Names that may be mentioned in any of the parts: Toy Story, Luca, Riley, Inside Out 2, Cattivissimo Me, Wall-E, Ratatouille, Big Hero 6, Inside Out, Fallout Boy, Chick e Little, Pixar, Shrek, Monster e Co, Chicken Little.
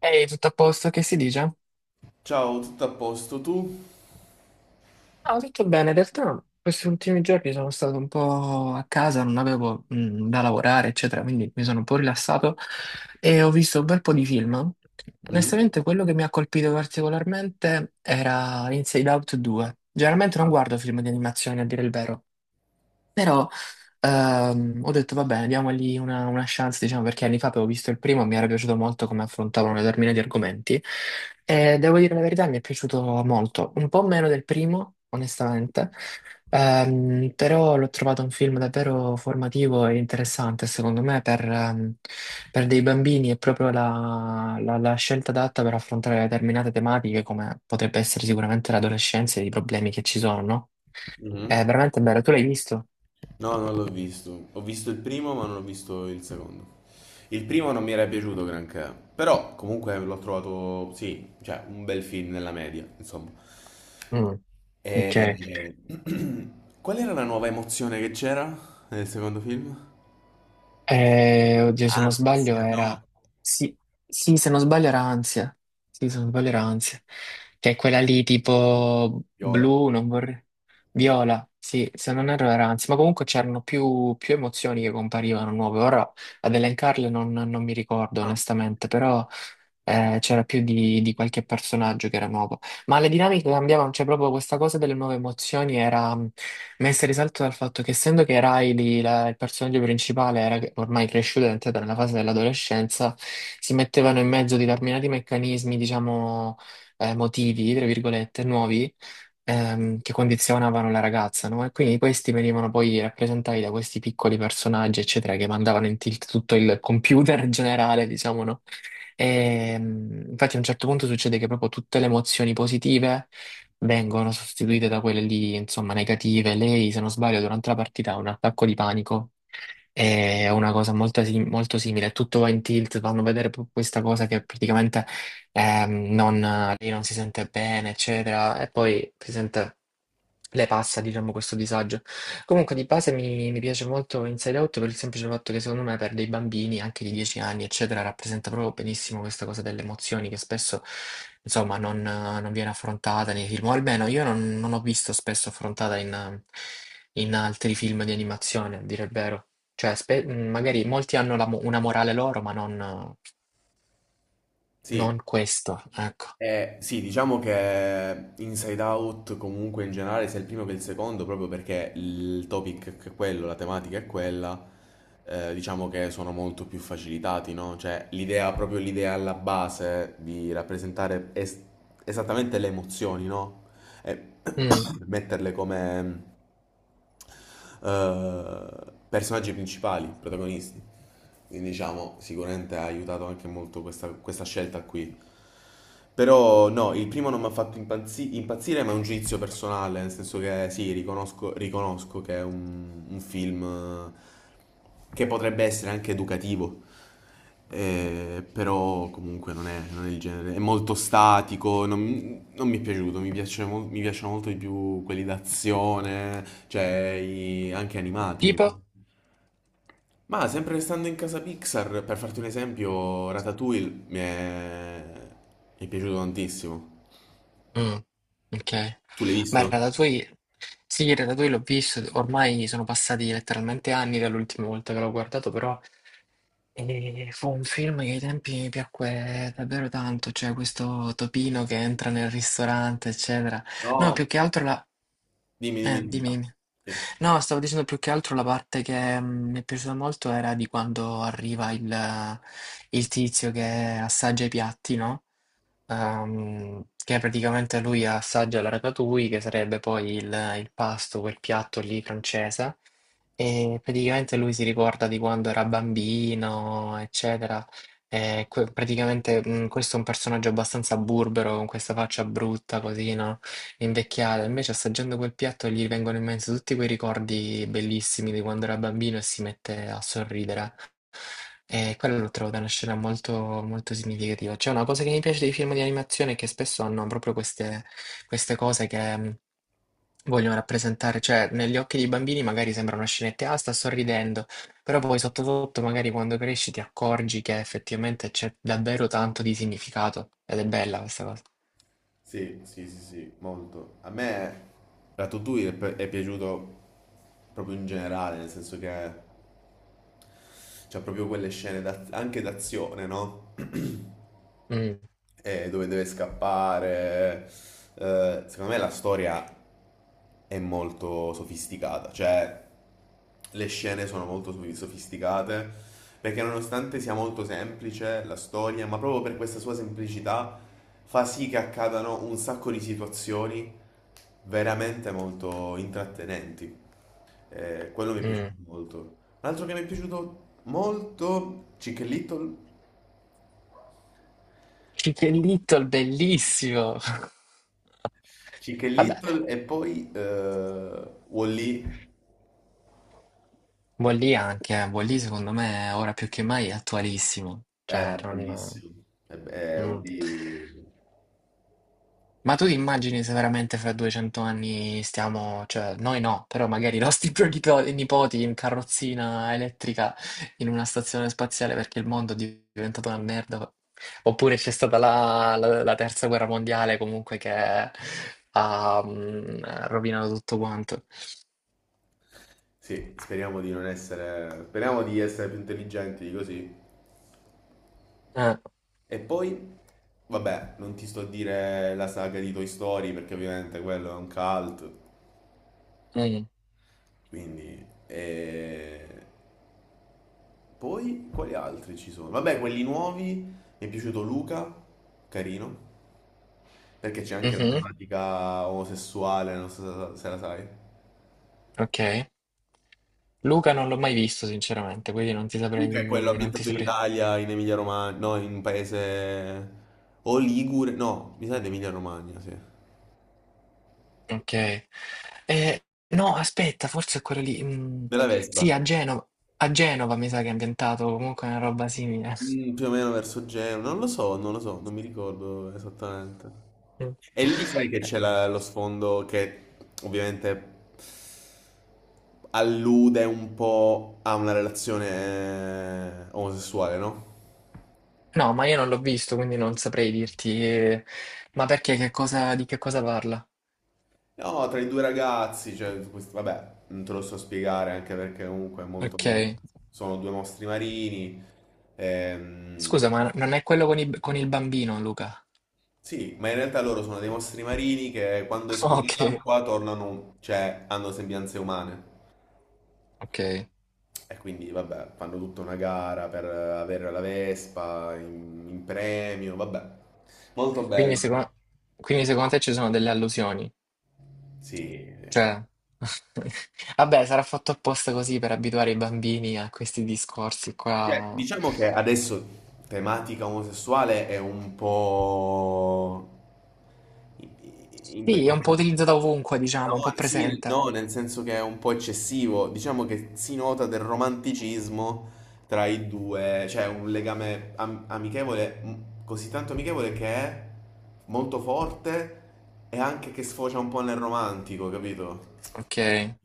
Ehi, tutto a posto, che si dice? Ciao, tutto a posto tu? Ah, tutto bene, in realtà questi ultimi giorni sono stato un po' a casa, non avevo da lavorare, eccetera, quindi mi sono un po' rilassato e ho visto un bel po' di film. Mm, Onestamente, quello che mi ha colpito particolarmente era Inside Out 2. Generalmente non guardo film di animazione, a dire il vero. Però ho detto, vabbè, diamogli una chance, diciamo, perché anni fa avevo visto il primo, mi era piaciuto molto come affrontavano determinati argomenti. E devo dire la verità, mi è piaciuto molto, un po' meno del primo, onestamente, però l'ho trovato un film davvero formativo e interessante, secondo me, per dei bambini è proprio la scelta adatta per affrontare determinate tematiche, come potrebbe essere sicuramente l'adolescenza e i problemi che ci sono, no? È mhm. veramente bello, tu l'hai visto? No, non l'ho visto. Ho visto il primo, ma non ho visto il secondo. Il primo non mi era piaciuto granché, però comunque l'ho trovato, sì, cioè un bel film nella media, insomma. Mm, ok. E... qual era la nuova emozione che c'era nel secondo film? Oddio, se non sbaglio Ansia, no. era. Sì, sì, se non sbaglio era ansia. Sì, se non sbaglio era ansia. Che è quella lì tipo Viola. blu, non vorrei. Viola, sì, se non erro era ansia. Ma comunque c'erano più emozioni che comparivano nuove. Ora ad elencarle non mi ricordo Ah, onestamente, però c'era più di qualche personaggio che era nuovo. Ma le dinamiche cambiavano, cioè proprio questa cosa delle nuove emozioni era messa in risalto dal fatto che essendo che Riley, il personaggio principale, era ormai cresciuto ed è entrato nella fase dell'adolescenza, si mettevano in mezzo determinati meccanismi, diciamo, motivi, tra virgolette, nuovi che condizionavano la ragazza, no? E quindi questi venivano poi rappresentati da questi piccoli personaggi, eccetera, che mandavano in tilt tutto il computer generale, diciamo, no? E, infatti a un certo punto succede che proprio tutte le emozioni positive vengono sostituite da quelle lì, insomma, negative. Lei, se non sbaglio, durante la partita ha un attacco di panico. È una cosa molto, molto simile, tutto va in tilt, fanno vedere questa cosa che praticamente non, lì non si sente bene, eccetera, e poi si sente. Lei passa, diciamo, questo disagio. Comunque di base mi piace molto Inside Out per il semplice fatto che secondo me per dei bambini anche di 10 anni, eccetera, rappresenta proprio benissimo questa cosa delle emozioni che spesso, insomma, non viene affrontata nei film, o almeno io non ho visto spesso affrontata in altri film di animazione, a dire il vero. Cioè, magari molti hanno una morale loro, ma non, eh, sì. non questo, ecco. Sì, diciamo che Inside Out comunque in generale sia il primo che il secondo, proprio perché il topic è quello, la tematica è quella, diciamo che sono molto più facilitati, no? Cioè l'idea, proprio l'idea alla base di rappresentare esattamente le emozioni, no? E Mm. metterle come eh, personaggi principali, protagonisti. Quindi diciamo, sicuramente ha aiutato anche molto questa scelta qui. Però no, il primo non mi ha fatto impazzire, ma è un giudizio personale, nel senso che sì, riconosco che è un film che potrebbe essere anche educativo, però comunque non è il genere, è molto statico, non mi è piaciuto, mi piacciono molto di più quelli d'azione, cioè anche animati. Mi- Tipo? Ma sempre restando in casa Pixar, per farti un esempio, mi è piaciuto tantissimo. Mm, ok. Tu l'hai Ma il visto? Ratatouille, sì, il Ratatouille l'ho visto, ormai sono passati letteralmente anni dall'ultima volta che l'ho guardato, però fu un film che ai tempi mi piacque davvero tanto, cioè questo topino che entra nel ristorante, eccetera. No, No. più che altro la. Dimmi, dimmi, dimmi. Dimmi, dimmi. Sì. No, stavo dicendo più che altro la parte che mi è piaciuta molto era di quando arriva il tizio che assaggia i piatti, no? Che praticamente lui assaggia la ratatouille, che sarebbe poi il pasto, quel piatto lì francese, e praticamente lui si ricorda di quando era bambino, eccetera. E praticamente questo è un personaggio abbastanza burbero, con questa faccia brutta, così, no? Invecchiata. Invece assaggiando quel piatto gli vengono in mente tutti quei ricordi bellissimi di quando era bambino e si mette a sorridere. E quello lo trovo da una scena molto, molto significativa. C'è una cosa che mi piace dei film di animazione è che spesso hanno proprio queste cose che vogliono rappresentare, cioè negli occhi dei bambini magari sembra una scenetta, ah, sta sorridendo, però poi sotto sotto magari quando cresci ti accorgi che effettivamente c'è davvero tanto di significato ed è bella questa cosa. Sì, sì, sì, sì, molto. A me Ratatouille è piaciuto proprio in generale, nel senso che c'ha proprio quelle scene anche d'azione, no? Mm, Dove deve scappare. Secondo me la storia è molto sofisticata, cioè le scene sono molto sofisticate perché nonostante sia molto semplice la storia, ma proprio per questa sua semplicità fa sì che accadano un sacco di situazioni veramente molto intrattenenti. Quello mi è piaciuto mm. molto. Un altro che mi è piaciuto molto, Chick e Little. Chicken Little, bellissimo! Chick e Vabbè. Little e poi Wall-E, Buon lì anche, eh. Buon lì secondo me ora più che mai è attualissimo, è cioè non. bellissimo. E beh, Mm. Wall-E. Ma tu ti immagini se veramente fra 200 anni stiamo, cioè noi no, però magari i nostri nipoti in carrozzina elettrica in una stazione spaziale perché il mondo è diventato una merda, oppure c'è stata la terza guerra mondiale comunque che ha rovinato tutto quanto. Sì, speriamo di non essere... Speriamo di essere più intelligenti di così. Eh, E poi, vabbè, non ti sto a dire la saga di Toy Story perché ovviamente quello è un cult, mm, quindi... E... poi, quali altri ci sono? Vabbè, quelli nuovi, mi è piaciuto Luca, carino, perché c'è anche la mhm, tematica omosessuale, non so se se la sai. ok. Luca non l'ho mai visto, sinceramente, quindi non ti Luca è quello saprei. Non ti ambientato in saprei. Italia, in Emilia Romagna, no, in un paese... O Ligure, no, mi sa di Emilia Romagna, sì. Ok. Eh, no, aspetta, forse è quello lì. Mm, Della sì, Vespa. a Genova. A Genova mi sa che è ambientato comunque una roba simile. Mm, più o meno verso Genova. Non lo so, non lo so, non mi ricordo esattamente. Mm. E lì sai che lo sfondo che ovviamente allude un po' a una relazione omosessuale, no? No, ma io non l'ho visto, quindi non saprei dirti. Ma perché che cosa, di che cosa parla? No, tra i due ragazzi, cioè, questo- vabbè, non te lo so spiegare anche perché comunque è molto... Ok. Sono due mostri marini, ehm, Scusa, ma non è quello con il bambino, Luca? sì, ma in realtà loro sono dei mostri marini che quando escono Ok, dall'acqua tornano, cioè hanno sembianze umane. ok. E quindi, vabbè, fanno tutta una gara per avere la Vespa in premio, vabbè. Molto Quindi bello. secondo, quindi secondo te ci sono delle allusioni? Sì, Cioè, vabbè, sarà fatto apposta così per abituare i bambini a questi discorsi cioè, qua. diciamo che adesso tematica omosessuale è un po'... impe- impe- Sì, è un po' utilizzato ovunque, No, diciamo, un po' sì, presente. no, nel senso che è un po' eccessivo. Diciamo che si nota del romanticismo tra i due, cioè un legame amichevole, m- così tanto amichevole che è molto forte e anche che sfocia un po' nel romantico, capito? Ok,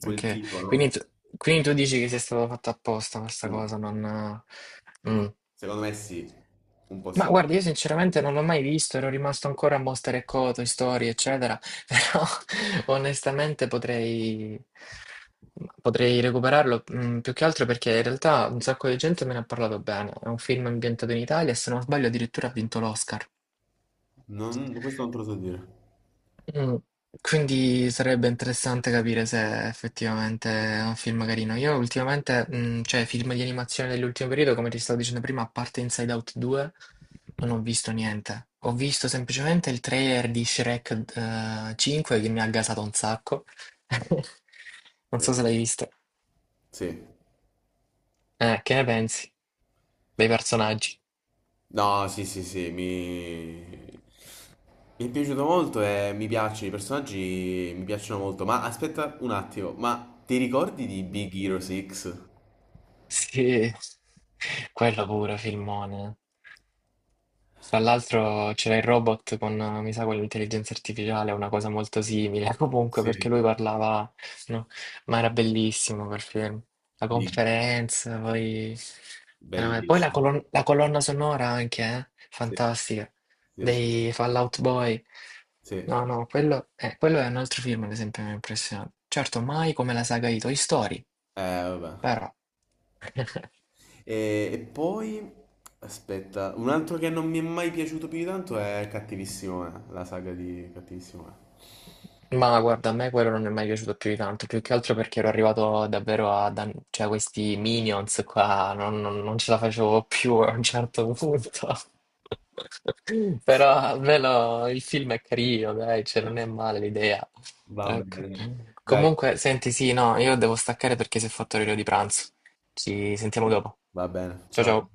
Quel ok. tipo, Quindi no? tu, quindi tu dici che sia stato fatto apposta questa Mm. cosa, non. Mm. Secondo me sì, un po' Ma sì. guarda, io sinceramente non l'ho mai visto, ero rimasto ancora a Monster e Co, Toy Story, eccetera, però onestamente potrei recuperarlo, più che altro perché in realtà un sacco di gente me ne ha parlato bene. È un film ambientato in Italia e se non sbaglio addirittura ha vinto l'Oscar. Non, questo non te lo so dire. Mm, quindi sarebbe interessante capire se effettivamente è un film carino. Io ultimamente, cioè film di animazione dell'ultimo periodo, come ti stavo dicendo prima, a parte Inside Out 2, non ho visto niente. Ho visto semplicemente il trailer di Shrek 5 che mi ha gasato un sacco. Non so Ok. se l'hai visto. Sì. Che ne pensi dei personaggi? No, sì, sì, sì, mi... mi è piaciuto molto e i personaggi mi piacciono molto. Ma aspetta un attimo, ma ti ricordi di Big Hero 6? Sì, quello pure, filmone. Tra l'altro c'era il robot con, mi sa, con l'intelligenza artificiale, una cosa molto simile, comunque Sì. perché lui parlava, no? Ma era bellissimo quel film. La Big. conferenza, poi, poi la, Bellissimo. colon- la colonna sonora anche, eh? Sì, Fantastica, sì, sì, sì. dei Fallout Boy. Sì. No, no, quello è un altro film, ad esempio, che mi ha impressionato. Certo, mai come la saga di Toy Story, Vabbè. però. E poi, aspetta, un altro che non mi è mai piaciuto più di tanto è Cattivissimo Me, la saga di Cattivissimo Me. Ma guarda, a me quello non è mai piaciuto più di tanto, più che altro perché ero arrivato davvero cioè, questi minions qua, non ce la facevo più a un certo punto. Però almeno il film è carino, dai, cioè non è male l'idea. Va Ecco. bene. Dai, Comunque, senti, sì, no, io devo staccare perché si è fatto l'orario di pranzo. Ci sentiamo dopo. va bene. Ciao Ciao. ciao.